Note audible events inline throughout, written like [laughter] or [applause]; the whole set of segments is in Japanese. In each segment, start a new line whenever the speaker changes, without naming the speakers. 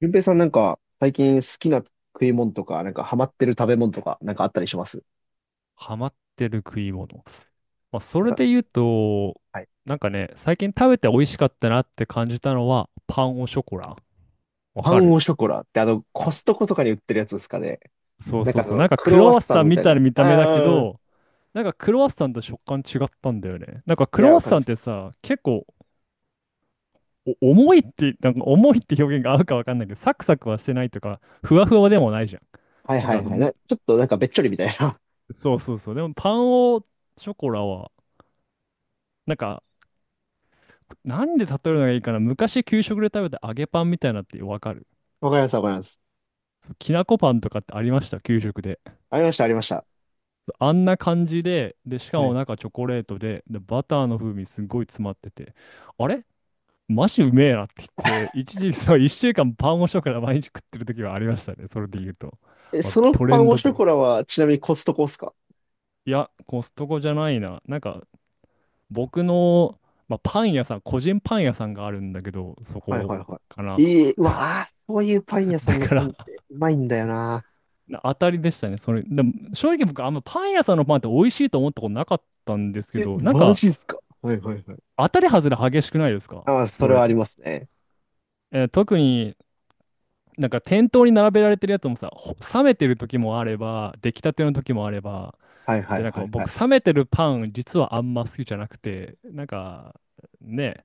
ゆうぺいさんなんか最近好きな食い物とか、なんかハマってる食べ物とか、なんかあったりします？
ハマってる食い物。まあ、そ
なん
れ
か、
で言うと、
はい。
最近食べて美味しかったなって感じたのは、パンオショコラ。わ
パ
か
ン
る。
オショコラってあの、コストコとかに売ってるやつですかね。
そう
なん
そ
か
う
あ
そう。
の、ク
ク
ロワ
ロ
ッ
ワッ
サ
サ
ン
ン
み
み
たい
たい
な。
な見た目だけ
ああ、
ど、クロワッサンと食感違ったんだよね。なんか
い
クロ
や、
ワ
わ
ッ
かる
サ
っ
ンっ
す。
てさ、結構お重いって、なんか重いって表現が合うかわかんないけど、サクサクはしてないとか、ふわふわでもないじゃん。
はい
なん
は
か、
いはい。
む
ちょっとなんかべっちょりみたいな。
そうそうそう。でもパンオショコラは、なんかなんで例えるのがいいかな。昔給食で食べた揚げパンみたいなってわかる？
[laughs] わかります、わかります。
そう、きなこパンとかってありました？給食で。
ありました、ありました。
そう、あんな感じで、で、しか
は
も
い。
中チョコレートで、で、バターの風味すごい詰まってて、あれマジうめえなって言って、一時そう、一週間パンをしよから毎日食ってる時はありましたね。それで言うと。
え、
まあ、
その
トレ
パン
ン
オ
ド
ショ
店。
コラはちなみにコストコっすか？
いや、コストコじゃないな。僕の、まあ、パン屋さん、個人パン屋さんがあるんだけど、そ
はいはい
こ
は
か
い。
な。
いい、うわあ、そういうパン屋さ
[laughs]
んの
だか
パンっ
ら
てうまいんだよな。
な当たりでしたね。それ、でも正直僕、あんまパン屋さんのパンって美味しいと思ったことなかったんですけ
え、
ど、
マジっすか？はいはいはい。
当たり外れ激しくないですか
ああ、そ
そ
れはあり
れ。
ますね。
えー、特になんか店頭に並べられてるやつもさ、冷めてる時もあれば、出来たての時もあれば、
はいは
で、
い
なん
は
か
いはい。
僕、冷めてるパン、実はあんま好きじゃなくて、ね、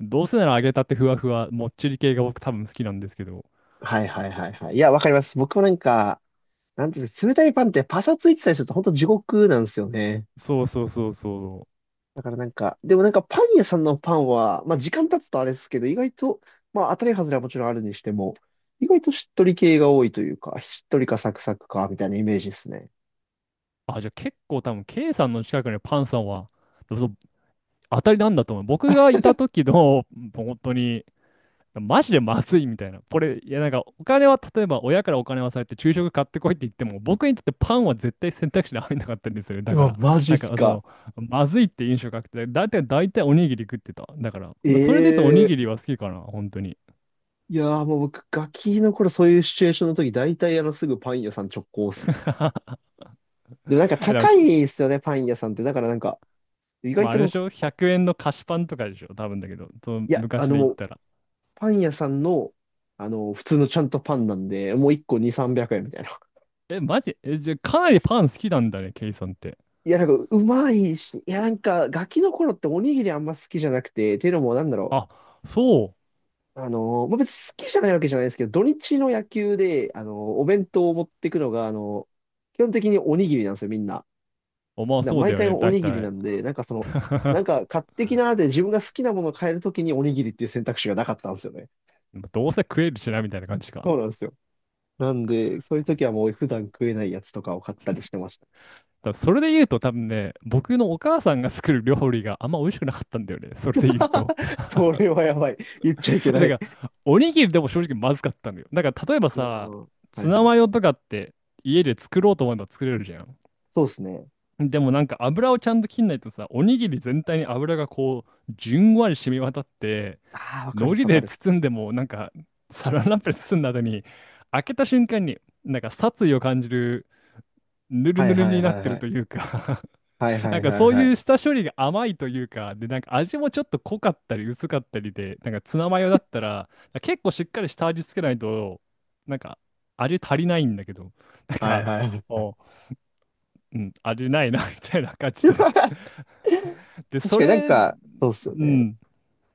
どうせなら揚げたてふわふわ、もっちり系が僕多分好きなんですけど、
はいはいはいはい。いや、わかります。僕もなんか、なんていうんですか、冷たいパンってパサついてたりすると本当地獄なんですよね。
そうそうそうそう。
だからなんか、でもなんかパン屋さんのパンは、まあ時間経つとあれですけど、意外と、まあ当たり外れはもちろんあるにしても、意外としっとり系が多いというか、しっとりかサクサクか、みたいなイメージですね。
あ、じゃあ結構多分、K さんの近くにパンさんは、そう当たりなんだと思う。僕がいた時の、本当に、マジでまずいみたいな。これ、いやなんか、お金は、例えば親からお金はされて、昼食買ってこいって言っても、僕にとってパンは絶対選択肢に入んなかったんですよね。
う
だか
わ、
ら、
マジっ
なん
す
か
か。
そまずいって印象がなくて、だいたい、おにぎり食ってた。だから、それで言うとおに
え
ぎ
え
りは好きかな、本当に。
いやーもう僕、ガキの頃そういうシチュエーションの時、大体あのすぐパン屋さん直行っすね。
[laughs]
でもなんか
でも
高
ひ
いですよね、パン屋さんって。だからなんか、意
ま
外
あ、あ
と
れで
の、
しょ？ 100 円の菓子パンとかでしょ多分だけど、その
いや、あ
昔で言っ
の
たら。
パン屋さんの、あの、普通のちゃんとパンなんで、もう一個2、三百円みたいな。[laughs]
え、マジ？え、じゃあ、かなりパン好きなんだね、ケイさんって。
いや、なんか、うまいし、いや、なんか、ガキの頃っておにぎりあんま好きじゃなくて、っていうのも、なんだろ
あ、そう。
う。あの、まあ、別に好きじゃないわけじゃないですけど、土日の野球で、あの、お弁当を持っていくのが、あの、基本的におにぎりなんですよ、みんな。
お、まあ、
だから
そうだ
毎
よ
回
ね、
お
だい
にぎり
た
な
い。
んで、なんかその、な
[laughs]
んか買ってきなーで自分が好きなものを買えるときにおにぎりっていう選択肢がなかったんですよね。
どうせ食えるしな、みたいな感じか。だか
そうなんですよ。なんで、そういう時はもう普段食えないやつとかを買ったりしてました。
らそれで言うと、多分ね、僕のお母さんが作る料理があんま美味しくなかったんだよね、それで言うと。
[laughs] それはやばい。言っちゃいけ
[laughs] え
な
だか
い。
ら、おにぎりでも正直まずかったのよ。だから、例えば
う
さ、
んはいは
ツ
い。
ナマヨとかって家で作ろうと思えば作れるじゃん。
そうですね。
でもなんか油をちゃんと切んないとさ、おにぎり全体に油がこう、じゅんわり染み渡って、
ああ、わ
海
かるっす、
苔
わか
で
るっす。
包んでも、なんか、サランラップで包んだ後に、開けた瞬間に、なんか殺意を感じる、ぬる
は
ぬ
い
る
は
に
い
なっ
はい
て
は
る
い。
というか。
はい
[laughs]
は
なん
い
か
はい
そう
は
い
い。
う下処理が甘いというか、で、なんか味もちょっと濃かったり薄かったりで、なんかツナマヨだったら、結構しっかり下味つけないと、なんか味足りないんだけど、なん
はい
か、
はい。
お、うん、味ないな [laughs] みたいな感じで
[laughs]
[laughs] で、
確
そ
かになん
れ、
か、そうっすよ
う
ね。
ん、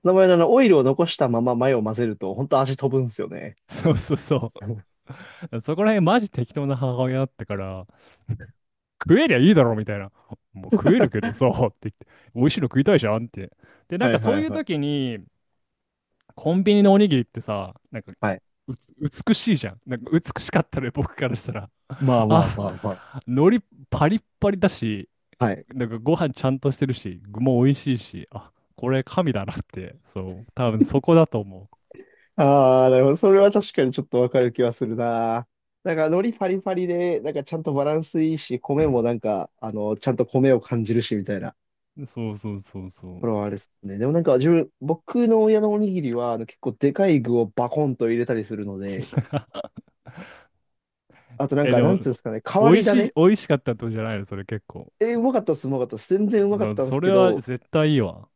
名前のあの、オイルを残したままマヨを混ぜると、本当味飛ぶんすよね。
そうそうそ
[laughs] は
う。そこら辺マジ適当な母親だったから、食えりゃいいだろみたいな。もう食えるけどさ、って言って、美味しいの食いたいじゃんって。で、
い
なん
はい
かそういう
はい。
時に、コンビニのおにぎりってさ、なんか
はい。
う美しいじゃん。なんか美しかったね、僕からしたら。
まあまあ
あ、
まあまあ。
海苔パリッパリだし、
はい。
なんかご飯ちゃんとしてるし、具も美味しいし、あ、これ神だなって、そう、多分そこだと思
ああ、なるほど。それは確かにちょっとわかる気はするな。なんか、海苔パリパリで、なんかちゃんとバランスいいし、米もなんか、あの、ちゃんと米を感じるし、みたいな。
う。そうそうそうそう。
これはあれですね。でもなんか、自分、僕の親のおにぎりは、あの、結構でかい具をバコンと入れたりするので、
[laughs]
あとなん
え、
か、
で
な
も、
んつうんですかね、変わり種
美味しかったってことじゃないのそれ結構。
うまかったっす、うまかったっす。全然うまかっ
な、
たんで
そ
すけ
れは
ど、
絶対いいわ。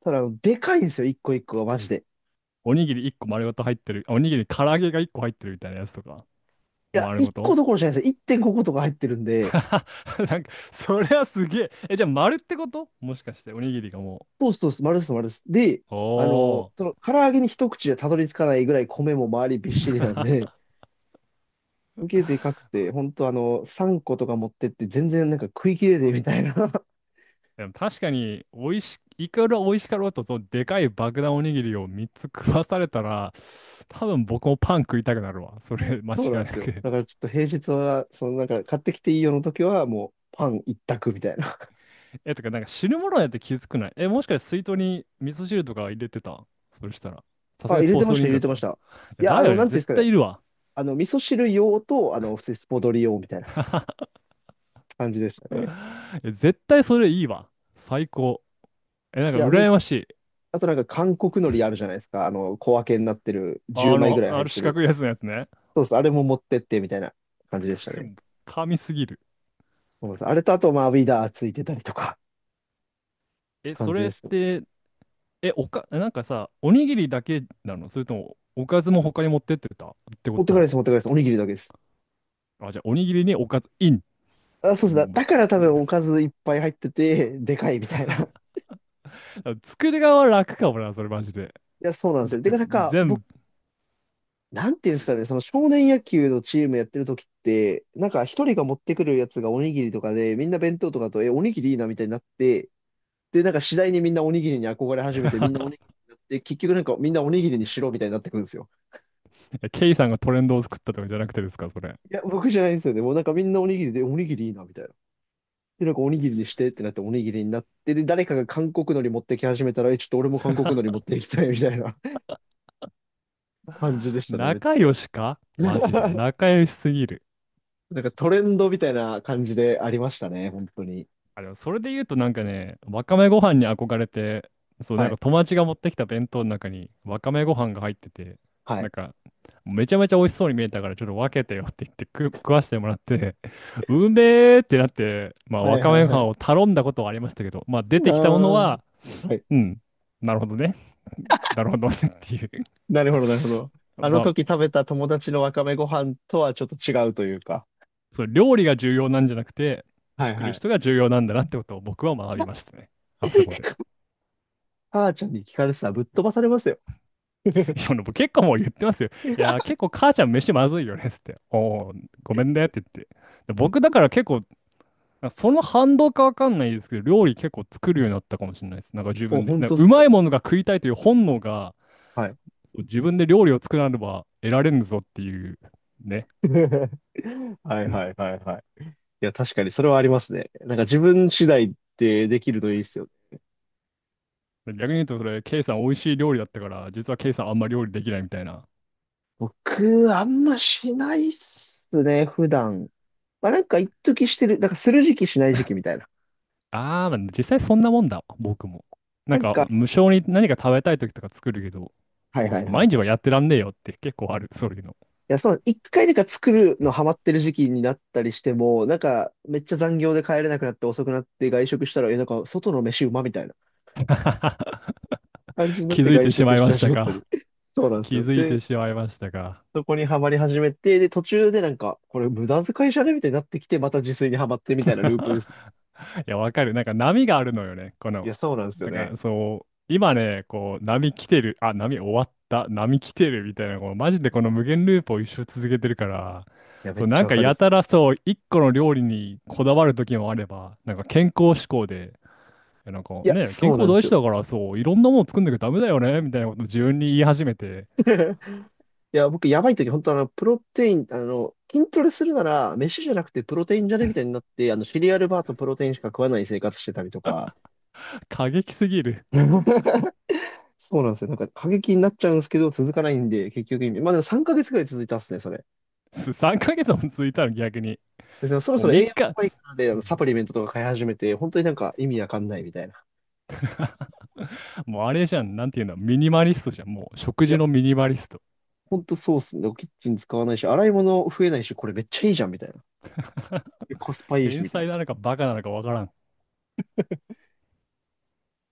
ただ、あのでかいんですよ、一個一個が、マジで。
おにぎり1個丸ごと入ってる？あ、おにぎり唐揚げが1個入ってるみたいなやつとか。
いや、
丸ご
一個
と。
どころじゃないですよ。1.5個とか入ってるんで、
[laughs] なんか、それはすげえ。え、じゃあ丸ってこともしかして、おにぎりがも
そうそうそうです、丸です、丸です。で、
う。
あ
お
の、そ
ー。
の、唐揚げに一口でたどり着かないぐらい米も周りびっしりなんで、
[laughs]
すげえでかくて、ほんとあの、3個とか持ってって全然なんか食い切れねえみたいな
でも確かに、美味し、いくら美味しかろうと、そう、でかい爆弾おにぎりを3つ食わされたら、多分僕もパン食いたくなるわ。それ、間違
そう
い
なんで
な
すよ。
く。
だからちょっと平日は、そのなんか買ってきていいよの時はもうパン一択みたいな。
え、とか、なんか汁物やって気づくない？え、もしかして水筒に味噌汁とか入れてた？それしたら。
[laughs]
さす
あ、
がに
入
ス
れ
ポー
て
ツ
ま
ド
し
リ
た、
ン
入
ク
れ
だっ
てまし
た？
た。い
え
や、
だ
あの、
よね、
なんていうんで
絶
すかね。
対いるわ。
あの、味噌汁用と、あの、普通にスポドリ用みたいな
[laughs]
感じでしたね。
え、絶対それいいわ。最高。え、なん
い
か
や、め
羨ましい。
あとなんか韓国海苔あるじゃないですか。あの、小分けになってる、
あ、
10
あ
枚ぐ
の、
らい
あ
入っ
る
て
四
る。
角いやつのやつね。
そうそう、あれも持ってってみたいな感じでした
[laughs]
ね。
神すぎる。
そうです。あれとあと、まあ、ウィダーついてたりとかって
え、
感
そ
じ
れ
で
っ
した。
て、え、おか、なんかさ、おにぎりだけなの？それとも、おかずも他に持ってってたってこ
持ってか
と
ない
は。
です、持ってかないです。おにぎりだけです。
あ、じゃあ、おにぎりにおかずイン。
あ、そうです。だ、
もう
だか
す
ら多分おかずいっぱい入ってて、でかいみたいな。
[laughs] 作り側は楽かもな、それマジで。
いや、そうなんです
だっ
よ。て
て、
か、なんか、
全
僕、
部
なんていうんですかね、その少年野球のチームやってる時って、なんか一人が持ってくるやつがおにぎりとかで、みんな弁当とかだと、え、おにぎりいいなみたいになって、で、なんか次第にみんなおにぎりに憧れ始めて、みんなおにぎりになって、結局なんかみんなおにぎりにしろみたいになってくるんですよ。
えケイさんがトレンドを作ったとかじゃなくてですか、それ。
いや、僕じゃないんですよね。もうなんかみんなおにぎりで、おにぎりいいなみたいな。で、なんかおにぎりにしてってなっておにぎりになって、で、誰かが韓国海苔持ってき始めたら、え、ちょっと俺も韓国海苔持っていきたいみたいな [laughs] 感じでしたね、めっ
仲
ちゃ。
良しかマジで。
[laughs]
仲良しすぎる。
なんかトレンドみたいな感じでありましたね、本当に。
あ、でもそれで言うとなんかね、わかめご飯に憧れて、そう、
は
なんか
い。
友達が持ってきた弁当の中にわかめご飯が入ってて、
は
な
い。
んか、めちゃめちゃ美味しそうに見えたから、ちょっと分けてよって言って食わしてもらって、[laughs] うめえってなって、まあ、
は
わ
い
か
は
め
いは
ご飯
い。
を頼んだことはありましたけど、まあ、出てきたもの
あ
は、
あ。はい。
うん、なるほどね。[laughs] なるほどねっていう。
なるほど、なるほど。
[laughs]
あの
まあ、
時食べた友達のわかめご飯とはちょっと違うというか。
その料理が重要なんじゃなくて、
はい
作
は
る
い。
人が重要なんだなってことを僕は学びましたね。あそこで。
[laughs] 母ちゃんに聞かれてたらぶっ飛ばされますよ。
い
[laughs]
や、僕結構もう言ってますよ。いや、結構母ちゃん飯まずいよねっつって。お、お、ごめんねって言って。で僕だから結構、その反動かわかんないですけど、料理結構作るようになったかもしれないです。なんか自
お、
分で。
本
なん
当
か
っす
う
か？
まいものが食いたいという本能が、
はい。
自分で料理を作らねば得られんぞっていうね。
[laughs] はいはいはいはい。いや、確かにそれはありますね。なんか自分次第ってできるといいっすよね。
逆に言うと、それ、ケイさん美味しい料理だったから、実はケイさんあんま料理できないみたいな。
僕、あんましないっすね、普段。まあなんか一時してる、なんかする時期しない時期みたいな。
ああ、まあ実際そんなもんだわ、僕も。な
な
ん
んか、
か、無償に何か食べたい時とか作るけど、
はいはいはい
毎
は
日
い。
はやってらんねえよって結構ある、そういうの。
いや、そう、一回なんか作るのハマってる時期になったりしても、なんかめっちゃ残業で帰れなくなって遅くなって外食したら、え、なんか外の飯うまみたいな
[laughs]
感じになっ
気
て
づい
外
てし
食
まい
し
まし
始
た
めたり。
か。
[laughs] そうなんです
気
よ。
づいて
で、
しまいましたか。
そこにはまり始めて、で、途中でなんか、これ無駄遣いじゃねみたいになってきて、また自炊にはまってみたいなループです。
[laughs] いや、わかる。なんか波があるのよね。
いや、そうなんですよ
だか
ね。
らそう、今ね、こう、波来てる、あ、波終わった、波来てるみたいな、こう、マジでこの無限ループを一生続けてるから、
いや、め
そ
っ
う、
ち
な
ゃ
ん
わ
か
かる
や
です。
たらそう、一個の料理にこだわる時もあれば、なんか健康志向で、でなんか
いや、
ね、健
そうなん
康
で
大
す
事
よ。
だからそう、いろんなもの作んなきゃダメだよね、みたいなことを自分に言い始めて、
[laughs] いや、僕、やばい時、本当あの、プロテイン、あの、筋トレするなら、飯じゃなくてプロテインじゃねみたいになって、あの、シリアルバーとプロテインしか食わない生活してたりとか。
過激すぎる。
[laughs] そうなんですよ。なんか、過激になっちゃうんですけど、続かないんで、結局意味。まあ、でも3ヶ月ぐらい続いたっすね、それ。
[laughs] 3ヶ月も続いたの逆に。
で、そのそろ
も
そ
う
ろ栄
3
養や
日、
ばいからで、あの、サプリメントとか買い始めて、本当になんか意味わかんないみたいな。
もうあれじゃん、なんていうの、ミニマリストじゃん。もう食
い
事
や、
のミニマリスト。
本当そうっすね。キッチン使わないし、洗い物増えないし、これめっちゃいいじゃん、みたいな。
[laughs]
でコスパいいし、
天
みたいな。
才なのかバカなのかわからん。